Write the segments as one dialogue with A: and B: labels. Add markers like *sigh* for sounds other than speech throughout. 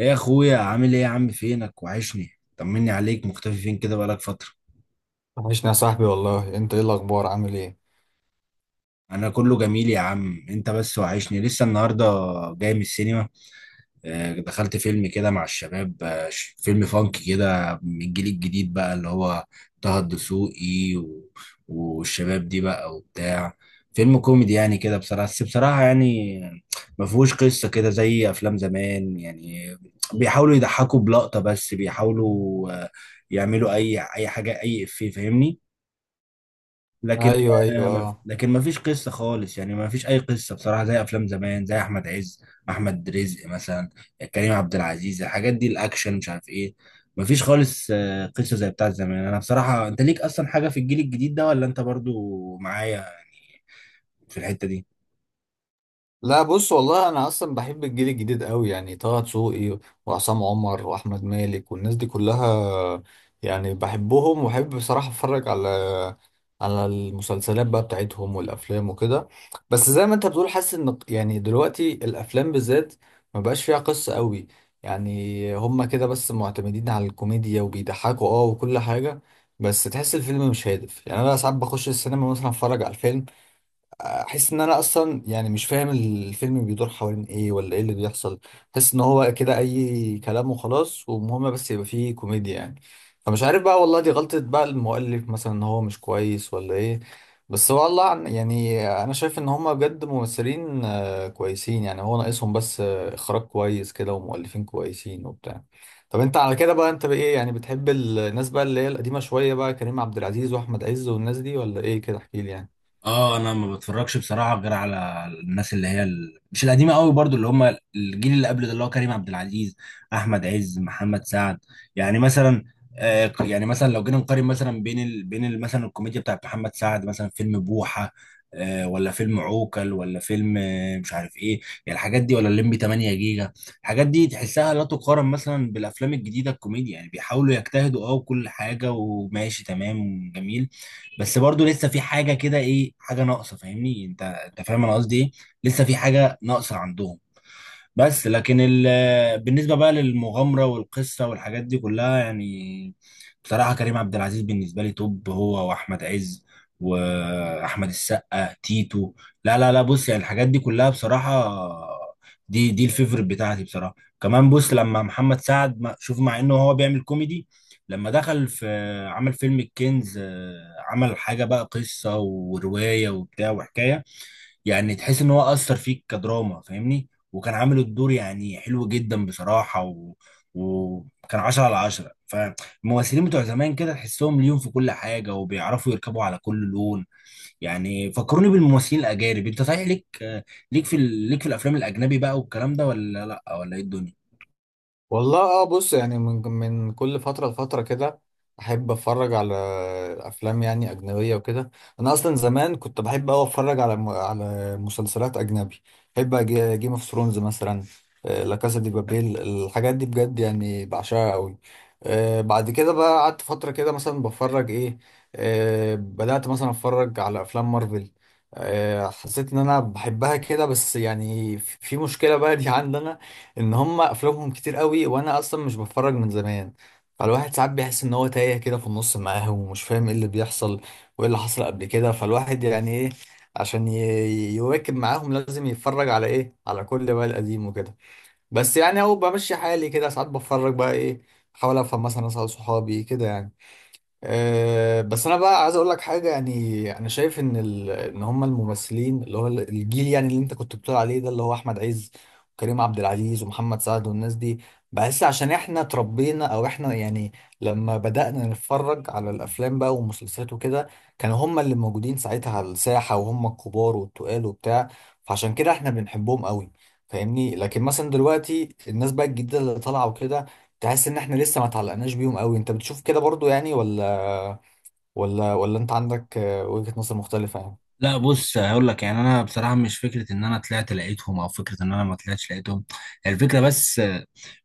A: ايه يا اخويا عامل ايه؟ يا عم فينك؟ وحشني، طمني عليك. مختفي فين كده؟ بقالك فترة.
B: وحشني يا صاحبي والله. انت ايه الاخبار؟ عامل ايه؟
A: انا كله جميل يا عم، انت بس وحشني. لسه النهاردة جاي من السينما. دخلت فيلم كده مع الشباب، فيلم فانك كده من الجيل الجديد بقى، اللي هو طه الدسوقي والشباب دي بقى وبتاع. فيلم كوميدي يعني كده، بصراحة يعني ما فيهوش قصة كده زي أفلام زمان يعني. بيحاولوا يضحكوا بلقطة، بس بيحاولوا يعملوا أي حاجة، أي إفيه، فاهمني؟ لكن
B: ايوه ايوه اه.
A: لكن ما فيش قصه خالص يعني، ما فيش اي قصه بصراحه زي افلام زمان، زي احمد عز، احمد رزق مثلا، كريم عبد العزيز. الحاجات دي الاكشن مش عارف ايه، ما فيش خالص قصه زي بتاعت زمان. انا بصراحه، انت ليك اصلا حاجه في الجيل الجديد ده، ولا انت برضو معايا يعني في الحته دي؟
B: لا بص والله انا اصلا بحب الجيل الجديد قوي، يعني طه دسوقي وعصام عمر واحمد مالك والناس دي كلها، يعني بحبهم وبحب بصراحه اتفرج على المسلسلات بقى بتاعتهم والافلام وكده. بس زي ما انت بتقول حاسس ان يعني دلوقتي الافلام بالذات ما بقاش فيها قصه قوي، يعني هما كده بس معتمدين على الكوميديا وبيضحكوا اه وكل حاجه. بس تحس الفيلم مش هادف، يعني انا ساعات بخش السينما مثلا اتفرج على الفيلم، احس ان انا اصلا يعني مش فاهم الفيلم بيدور حوالين ايه ولا ايه اللي بيحصل. احس ان هو كده اي كلام وخلاص، ومهم بس يبقى فيه كوميديا يعني. فمش عارف بقى والله، دي غلطة بقى المؤلف مثلا ان هو مش كويس ولا ايه؟ بس والله يعني انا شايف ان هما بجد ممثلين كويسين، يعني هو ناقصهم بس اخراج كويس كده ومؤلفين كويسين وبتاع. طب انت على كده بقى انت بايه؟ يعني بتحب الناس بقى اللي هي القديمة شوية بقى، كريم عبد العزيز واحمد عز والناس دي، ولا ايه كده؟ احكيلي يعني.
A: اه انا ما بتفرجش بصراحه غير على الناس اللي هي ال... مش القديمه قوي، برضو اللي هم الجيل اللي قبل ده، اللي هو كريم عبد العزيز، احمد عز، محمد سعد. يعني مثلا، يعني مثلا لو جينا نقارن مثلا بين ال... مثلا الكوميديا بتاعت محمد سعد، مثلا فيلم بوحه، آه، ولا فيلم عوكل، ولا فيلم آه مش عارف ايه، يعني الحاجات دي، ولا الليمبي 8 جيجا. الحاجات دي تحسها لا تقارن مثلا بالافلام الجديده. الكوميديا يعني بيحاولوا يجتهدوا اه، وكل حاجه وماشي تمام وجميل، بس برضو لسه في حاجه كده، ايه حاجه ناقصه، فاهمني انت؟ انت فاهم انا قصدي ايه، لسه في حاجه ناقصه عندهم. بس لكن ال... بالنسبة بقى للمغامرة والقصة والحاجات دي كلها يعني، بصراحة كريم عبد العزيز بالنسبة لي توب، هو وأحمد عز وأحمد السقا تيتو. لا لا لا، بص، يعني الحاجات دي كلها بصراحة، دي الفيفوريت بتاعتي بصراحة. كمان بص، لما محمد سعد شوف، مع إنه هو بيعمل كوميدي، لما دخل في عمل فيلم الكنز، عمل حاجة بقى، قصة ورواية وبتاع وحكاية. يعني تحس ان هو اثر فيك كدراما، فاهمني؟ وكان عامل الدور يعني حلو جدا بصراحه، و... وكان 10 على 10. فالممثلين بتوع زمان كده تحسهم ليهم في كل حاجه، وبيعرفوا يركبوا على كل لون. يعني فكروني بالممثلين الاجانب، انت صحيح ليك ليك في ال... ليك في الافلام الاجنبي بقى والكلام ده، ولا لا، ولا ايه الدنيا؟
B: والله اه. بص يعني من كل فترة لفترة كده أحب أتفرج على أفلام يعني أجنبية وكده. أنا أصلا زمان كنت بحب أوي أتفرج على على مسلسلات أجنبي. بحب جيم اوف ثرونز مثلا، لا كاسا دي بابيل، الحاجات دي بجد يعني بعشقها أوي. بعد كده بقى قعدت فترة كده مثلا بتفرج إيه، بدأت مثلا أتفرج على أفلام مارفل. حسيت إن أنا بحبها كده، بس يعني في مشكلة بقى دي *laughs* عندنا، ان هم افلامهم كتير قوي وانا اصلا مش بتفرج من زمان. فالواحد ساعات بيحس ان هو تايه كده في النص معاهم ومش فاهم ايه اللي بيحصل وايه اللي حصل قبل كده. فالواحد يعني ايه، عشان يواكب معاهم لازم يتفرج على ايه، على كل بقى القديم وكده. بس يعني هو بمشي حالي كده، ساعات بتفرج بقى ايه، احاول افهم مثلا اسال صحابي كده يعني. أه بس انا بقى عايز اقول لك حاجه، يعني انا شايف ان ان هم الممثلين اللي هو الجيل يعني اللي انت كنت بتقول عليه ده، اللي هو احمد عز وكريم عبد العزيز ومحمد سعد والناس دي، بحس عشان احنا اتربينا او احنا يعني لما بدأنا نتفرج على الافلام بقى والمسلسلات وكده، كانوا هم اللي موجودين ساعتها على الساحه، وهم الكبار والتقال وبتاع، فعشان كده احنا بنحبهم قوي، فاهمني؟ لكن مثلا دلوقتي الناس بقى الجديده اللي طالعه وكده، تحس ان احنا لسه ما اتعلقناش بيهم قوي. انت بتشوف كده برضو يعني؟ ولا ولا انت عندك وجهة نظر مختلفة يعني؟
A: لا بص، هقول لك يعني، انا بصراحه مش فكره ان انا طلعت لقيتهم او فكره ان انا ما طلعتش لقيتهم، هي الفكره بس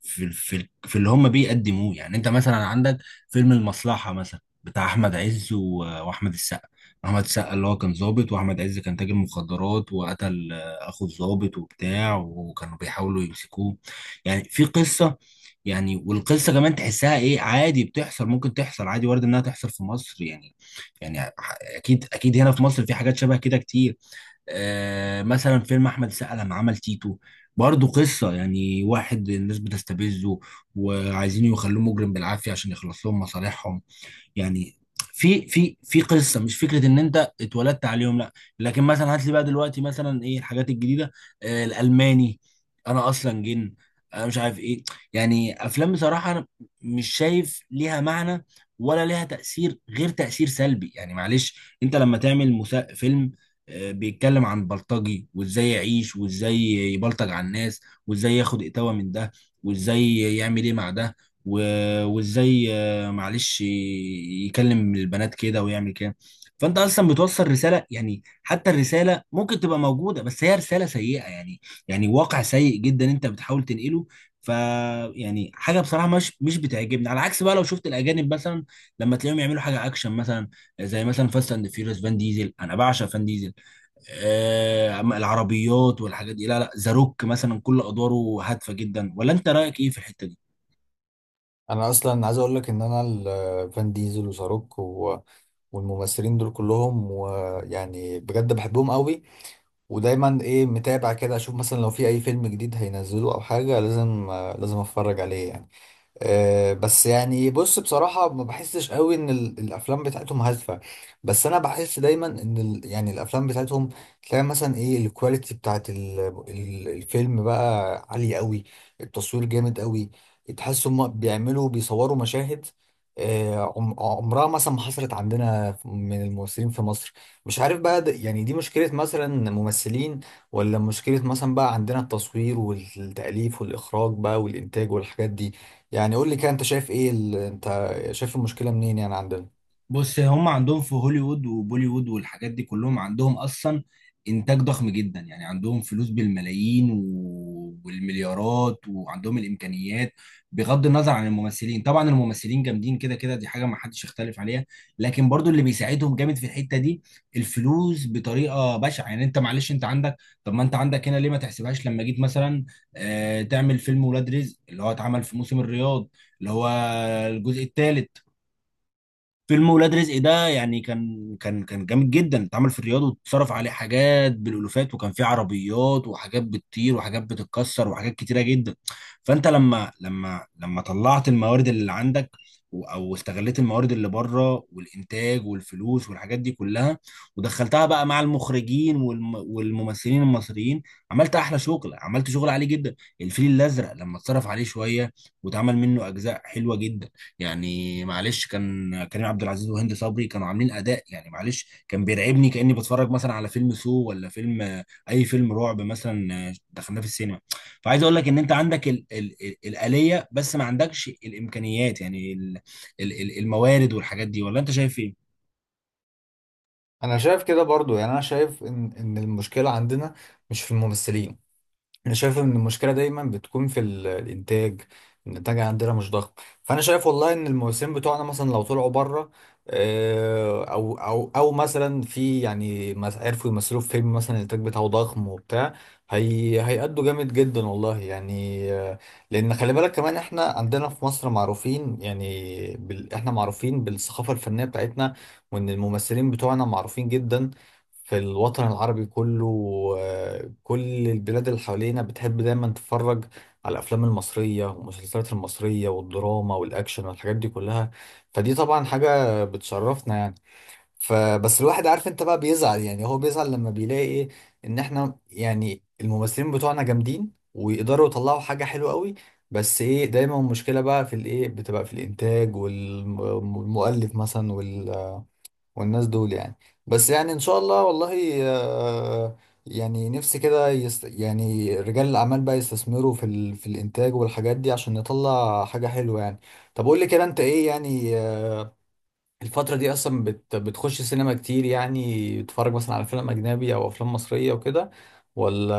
A: في اللي هم بيقدموه. يعني انت مثلا عندك فيلم المصلحه مثلا بتاع احمد عز واحمد السقا. احمد السقا اللي هو كان ضابط، واحمد عز كان تاجر مخدرات وقتل اخو الضابط وبتاع، وكانوا بيحاولوا يمسكوه. يعني في قصه، يعني والقصه كمان تحسها ايه، عادي بتحصل، ممكن تحصل عادي، وارد انها تحصل في مصر يعني. يعني اكيد هنا في مصر في حاجات شبه كده كتير. مثلا فيلم احمد السقا لما عمل تيتو، برضه قصه، يعني واحد الناس بتستفزه وعايزين يخلوه مجرم بالعافيه عشان يخلص لهم مصالحهم. يعني في قصه، مش فكره ان انت اتولدت عليهم، لا. لكن مثلا هات لي بقى دلوقتي، مثلا ايه الحاجات الجديده؟ آه الالماني، انا اصلا جن، انا مش عارف ايه، يعني افلام بصراحه انا مش شايف ليها معنى ولا ليها تاثير غير تاثير سلبي. يعني معلش، انت لما تعمل فيلم بيتكلم عن بلطجي، وازاي يعيش، وازاي يبلطج على الناس، وازاي ياخد اتاوة من ده، وازاي يعمل ايه مع ده، وازاي معلش يكلم البنات كده ويعمل كده، فانت اصلا بتوصل رساله يعني. حتى الرساله ممكن تبقى موجوده، بس هي رساله سيئه يعني، يعني واقع سيء جدا انت بتحاول تنقله. ف، يعني حاجه بصراحه مش بتعجبني. على عكس بقى لو شفت الاجانب مثلا، لما تلاقيهم يعملوا حاجه اكشن مثلا، زي مثلا فاست اند فيوريوس، فان ديزل. انا بعشق فان ديزل، آه العربيات والحاجات دي، لا لا، ذا روك مثلا كل ادواره هادفه جدا، ولا انت رايك ايه في الحته دي؟
B: انا اصلا عايز اقول لك ان انا فان ديزل وشاروك و... والممثلين دول كلهم، ويعني بجد بحبهم قوي ودايما ايه متابع كده، اشوف مثلا لو في اي فيلم جديد هينزله او حاجة لازم لازم اتفرج عليه يعني. بس يعني بص بصراحة ما بحسش قوي ان الافلام بتاعتهم هادفة. بس انا بحس دايما ان يعني الافلام بتاعتهم، تلاقي مثلا ايه الكواليتي بتاعت الفيلم بقى عالية قوي، التصوير جامد قوي، تحس هم بيعملوا بيصوروا مشاهد عمرها مثلا ما حصلت عندنا من الممثلين في مصر. مش عارف بقى ده يعني، دي مشكلة مثلا ممثلين، ولا مشكلة مثلا بقى عندنا التصوير والتأليف والإخراج بقى والإنتاج والحاجات دي؟ يعني قول لي كده انت شايف ايه ال... انت شايف المشكله منين يعني عندنا؟
A: بص، هم عندهم في هوليوود وبوليوود والحاجات دي كلهم، عندهم اصلا انتاج ضخم جدا، يعني عندهم فلوس بالملايين والمليارات، وعندهم الامكانيات، بغض النظر عن الممثلين. طبعا الممثلين جامدين كده كده، دي حاجه ما حدش يختلف عليها، لكن برضو اللي بيساعدهم جامد في الحته دي الفلوس، بطريقه بشعه يعني. انت معلش انت عندك، طب ما انت عندك هنا ليه؟ ما تحسبهاش، لما جيت مثلا تعمل فيلم ولاد رزق اللي هو اتعمل في موسم الرياض، اللي هو الجزء الثالث. فيلم ولاد رزق ده يعني كان جامد جدا، اتعمل في الرياض، واتصرف عليه حاجات بالالوفات، وكان فيه عربيات وحاجات بتطير وحاجات بتتكسر وحاجات كتيره جدا. فانت لما طلعت الموارد اللي عندك، او استغليت الموارد اللي بره، والانتاج والفلوس والحاجات دي كلها، ودخلتها بقى مع المخرجين والممثلين المصريين، عملت احلى شغل، عملت شغل عالي جدا. الفيل الازرق لما اتصرف عليه شويه، واتعمل منه اجزاء حلوه جدا، يعني معلش كان كريم عبد العزيز وهند صبري كانوا عاملين اداء، يعني معلش كان بيرعبني، كاني بتفرج مثلا على فيلم سو، ولا فيلم آه، اي فيلم رعب مثلا دخلناه في السينما. فعايز اقول لك ان انت عندك ال الآلية، بس ما عندكش الامكانيات يعني ال الموارد والحاجات دي، ولا انت شايف ايه؟
B: انا شايف كده برضو، يعني انا شايف ان المشكله عندنا مش في الممثلين، انا شايف ان المشكله دايما بتكون في الانتاج. الانتاج عندنا مش ضخم. فانا شايف والله ان الموسمين بتوعنا مثلا لو طلعوا بره، او مثلا في يعني عرفوا يمثلوا في فيلم مثلا الانتاج بتاعه ضخم وبتاع، هي هيأدوا جامد جدا والله يعني. لان خلي بالك كمان احنا عندنا في مصر معروفين يعني بال... احنا معروفين بالثقافه الفنيه بتاعتنا، وان الممثلين بتوعنا معروفين جدا في الوطن العربي كله. كل البلاد اللي حوالينا بتحب دايما تتفرج على الافلام المصريه والمسلسلات المصريه والدراما والاكشن والحاجات دي كلها، فدي طبعا حاجه بتشرفنا يعني. فبس الواحد عارف، انت بقى بيزعل يعني، هو بيزعل لما بيلاقي ايه، ان احنا يعني الممثلين بتوعنا جامدين ويقدروا يطلعوا حاجه حلوه قوي، بس ايه دايما المشكله بقى في الايه، بتبقى في الانتاج والمؤلف مثلا والناس دول يعني. بس يعني ان شاء الله والله يعني نفسي كده يعني رجال الاعمال بقى يستثمروا في ال... في الانتاج والحاجات دي عشان نطلع حاجة حلوة يعني. طب قول لي كده انت ايه يعني، الفترة دي اصلا بتخش سينما كتير؟ يعني بتتفرج مثلا على فيلم اجنبي او افلام مصرية وكده، ولا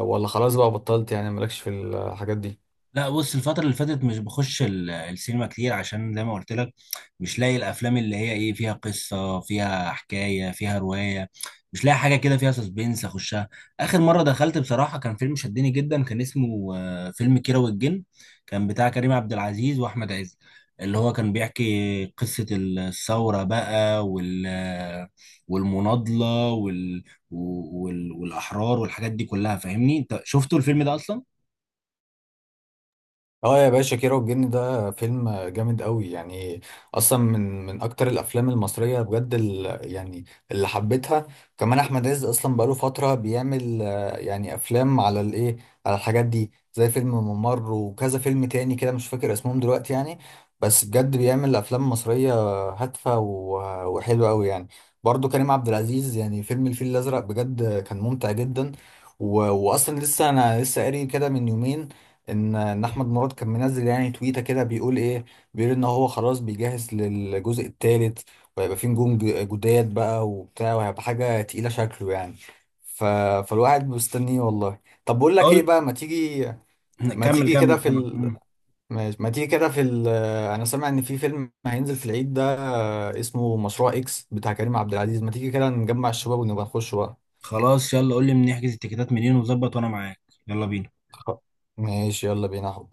B: خلاص بقى بطلت يعني مالكش في الحاجات دي؟
A: لا بص، الفترة اللي فاتت مش بخش السينما كتير، عشان زي ما قلت لك مش لاقي الأفلام اللي هي إيه، فيها قصة، فيها حكاية، فيها رواية. مش لاقي حاجة كده فيها سسبنس أخشها. آخر مرة دخلت بصراحة كان فيلم شدني جدا، كان اسمه فيلم كيرة والجن، كان بتاع كريم عبد العزيز وأحمد عز، اللي هو كان بيحكي قصة الثورة بقى، والمناضلة والأحرار والحاجات دي كلها. فاهمني؟ أنت شفتوا الفيلم ده أصلا؟
B: اه يا باشا، كيرة والجن ده فيلم جامد قوي يعني، اصلا من اكتر الافلام المصريه بجد ال- يعني اللي حبيتها. كمان احمد عز اصلا بقاله فتره بيعمل يعني افلام على الايه، على الحاجات دي، زي فيلم ممر وكذا فيلم تاني كده مش فاكر اسمهم دلوقتي يعني. بس بجد بيعمل افلام مصريه هادفه وحلوه قوي يعني. برضو كريم عبد العزيز يعني فيلم الفيل الازرق بجد كان ممتع جدا. و... واصلا لسه انا لسه قاري كده من يومين ان احمد مراد كان منزل يعني تويته كده بيقول ايه، بيقول ان هو خلاص بيجهز للجزء الثالث، وهيبقى فيه نجوم جداد بقى وبتاع، وهيبقى حاجه تقيله شكله يعني. ف... فالواحد مستنيه والله. طب بقول لك ايه بقى، ما تيجي، ما
A: كمل كمل
B: تيجي كده في
A: كمل.
B: ال...
A: مم.
B: ما تيجي كده في ال... انا سامع ان في فيلم هينزل في العيد ده اسمه مشروع اكس بتاع كريم عبد العزيز، ما تيجي كده نجمع الشباب ونبقى نخش بقى؟
A: خلاص، يلا قول لي نحجز التيكيتات منين وظبط، وانا معاك. يلا بينا.
B: خ- ماشي يلا بينا.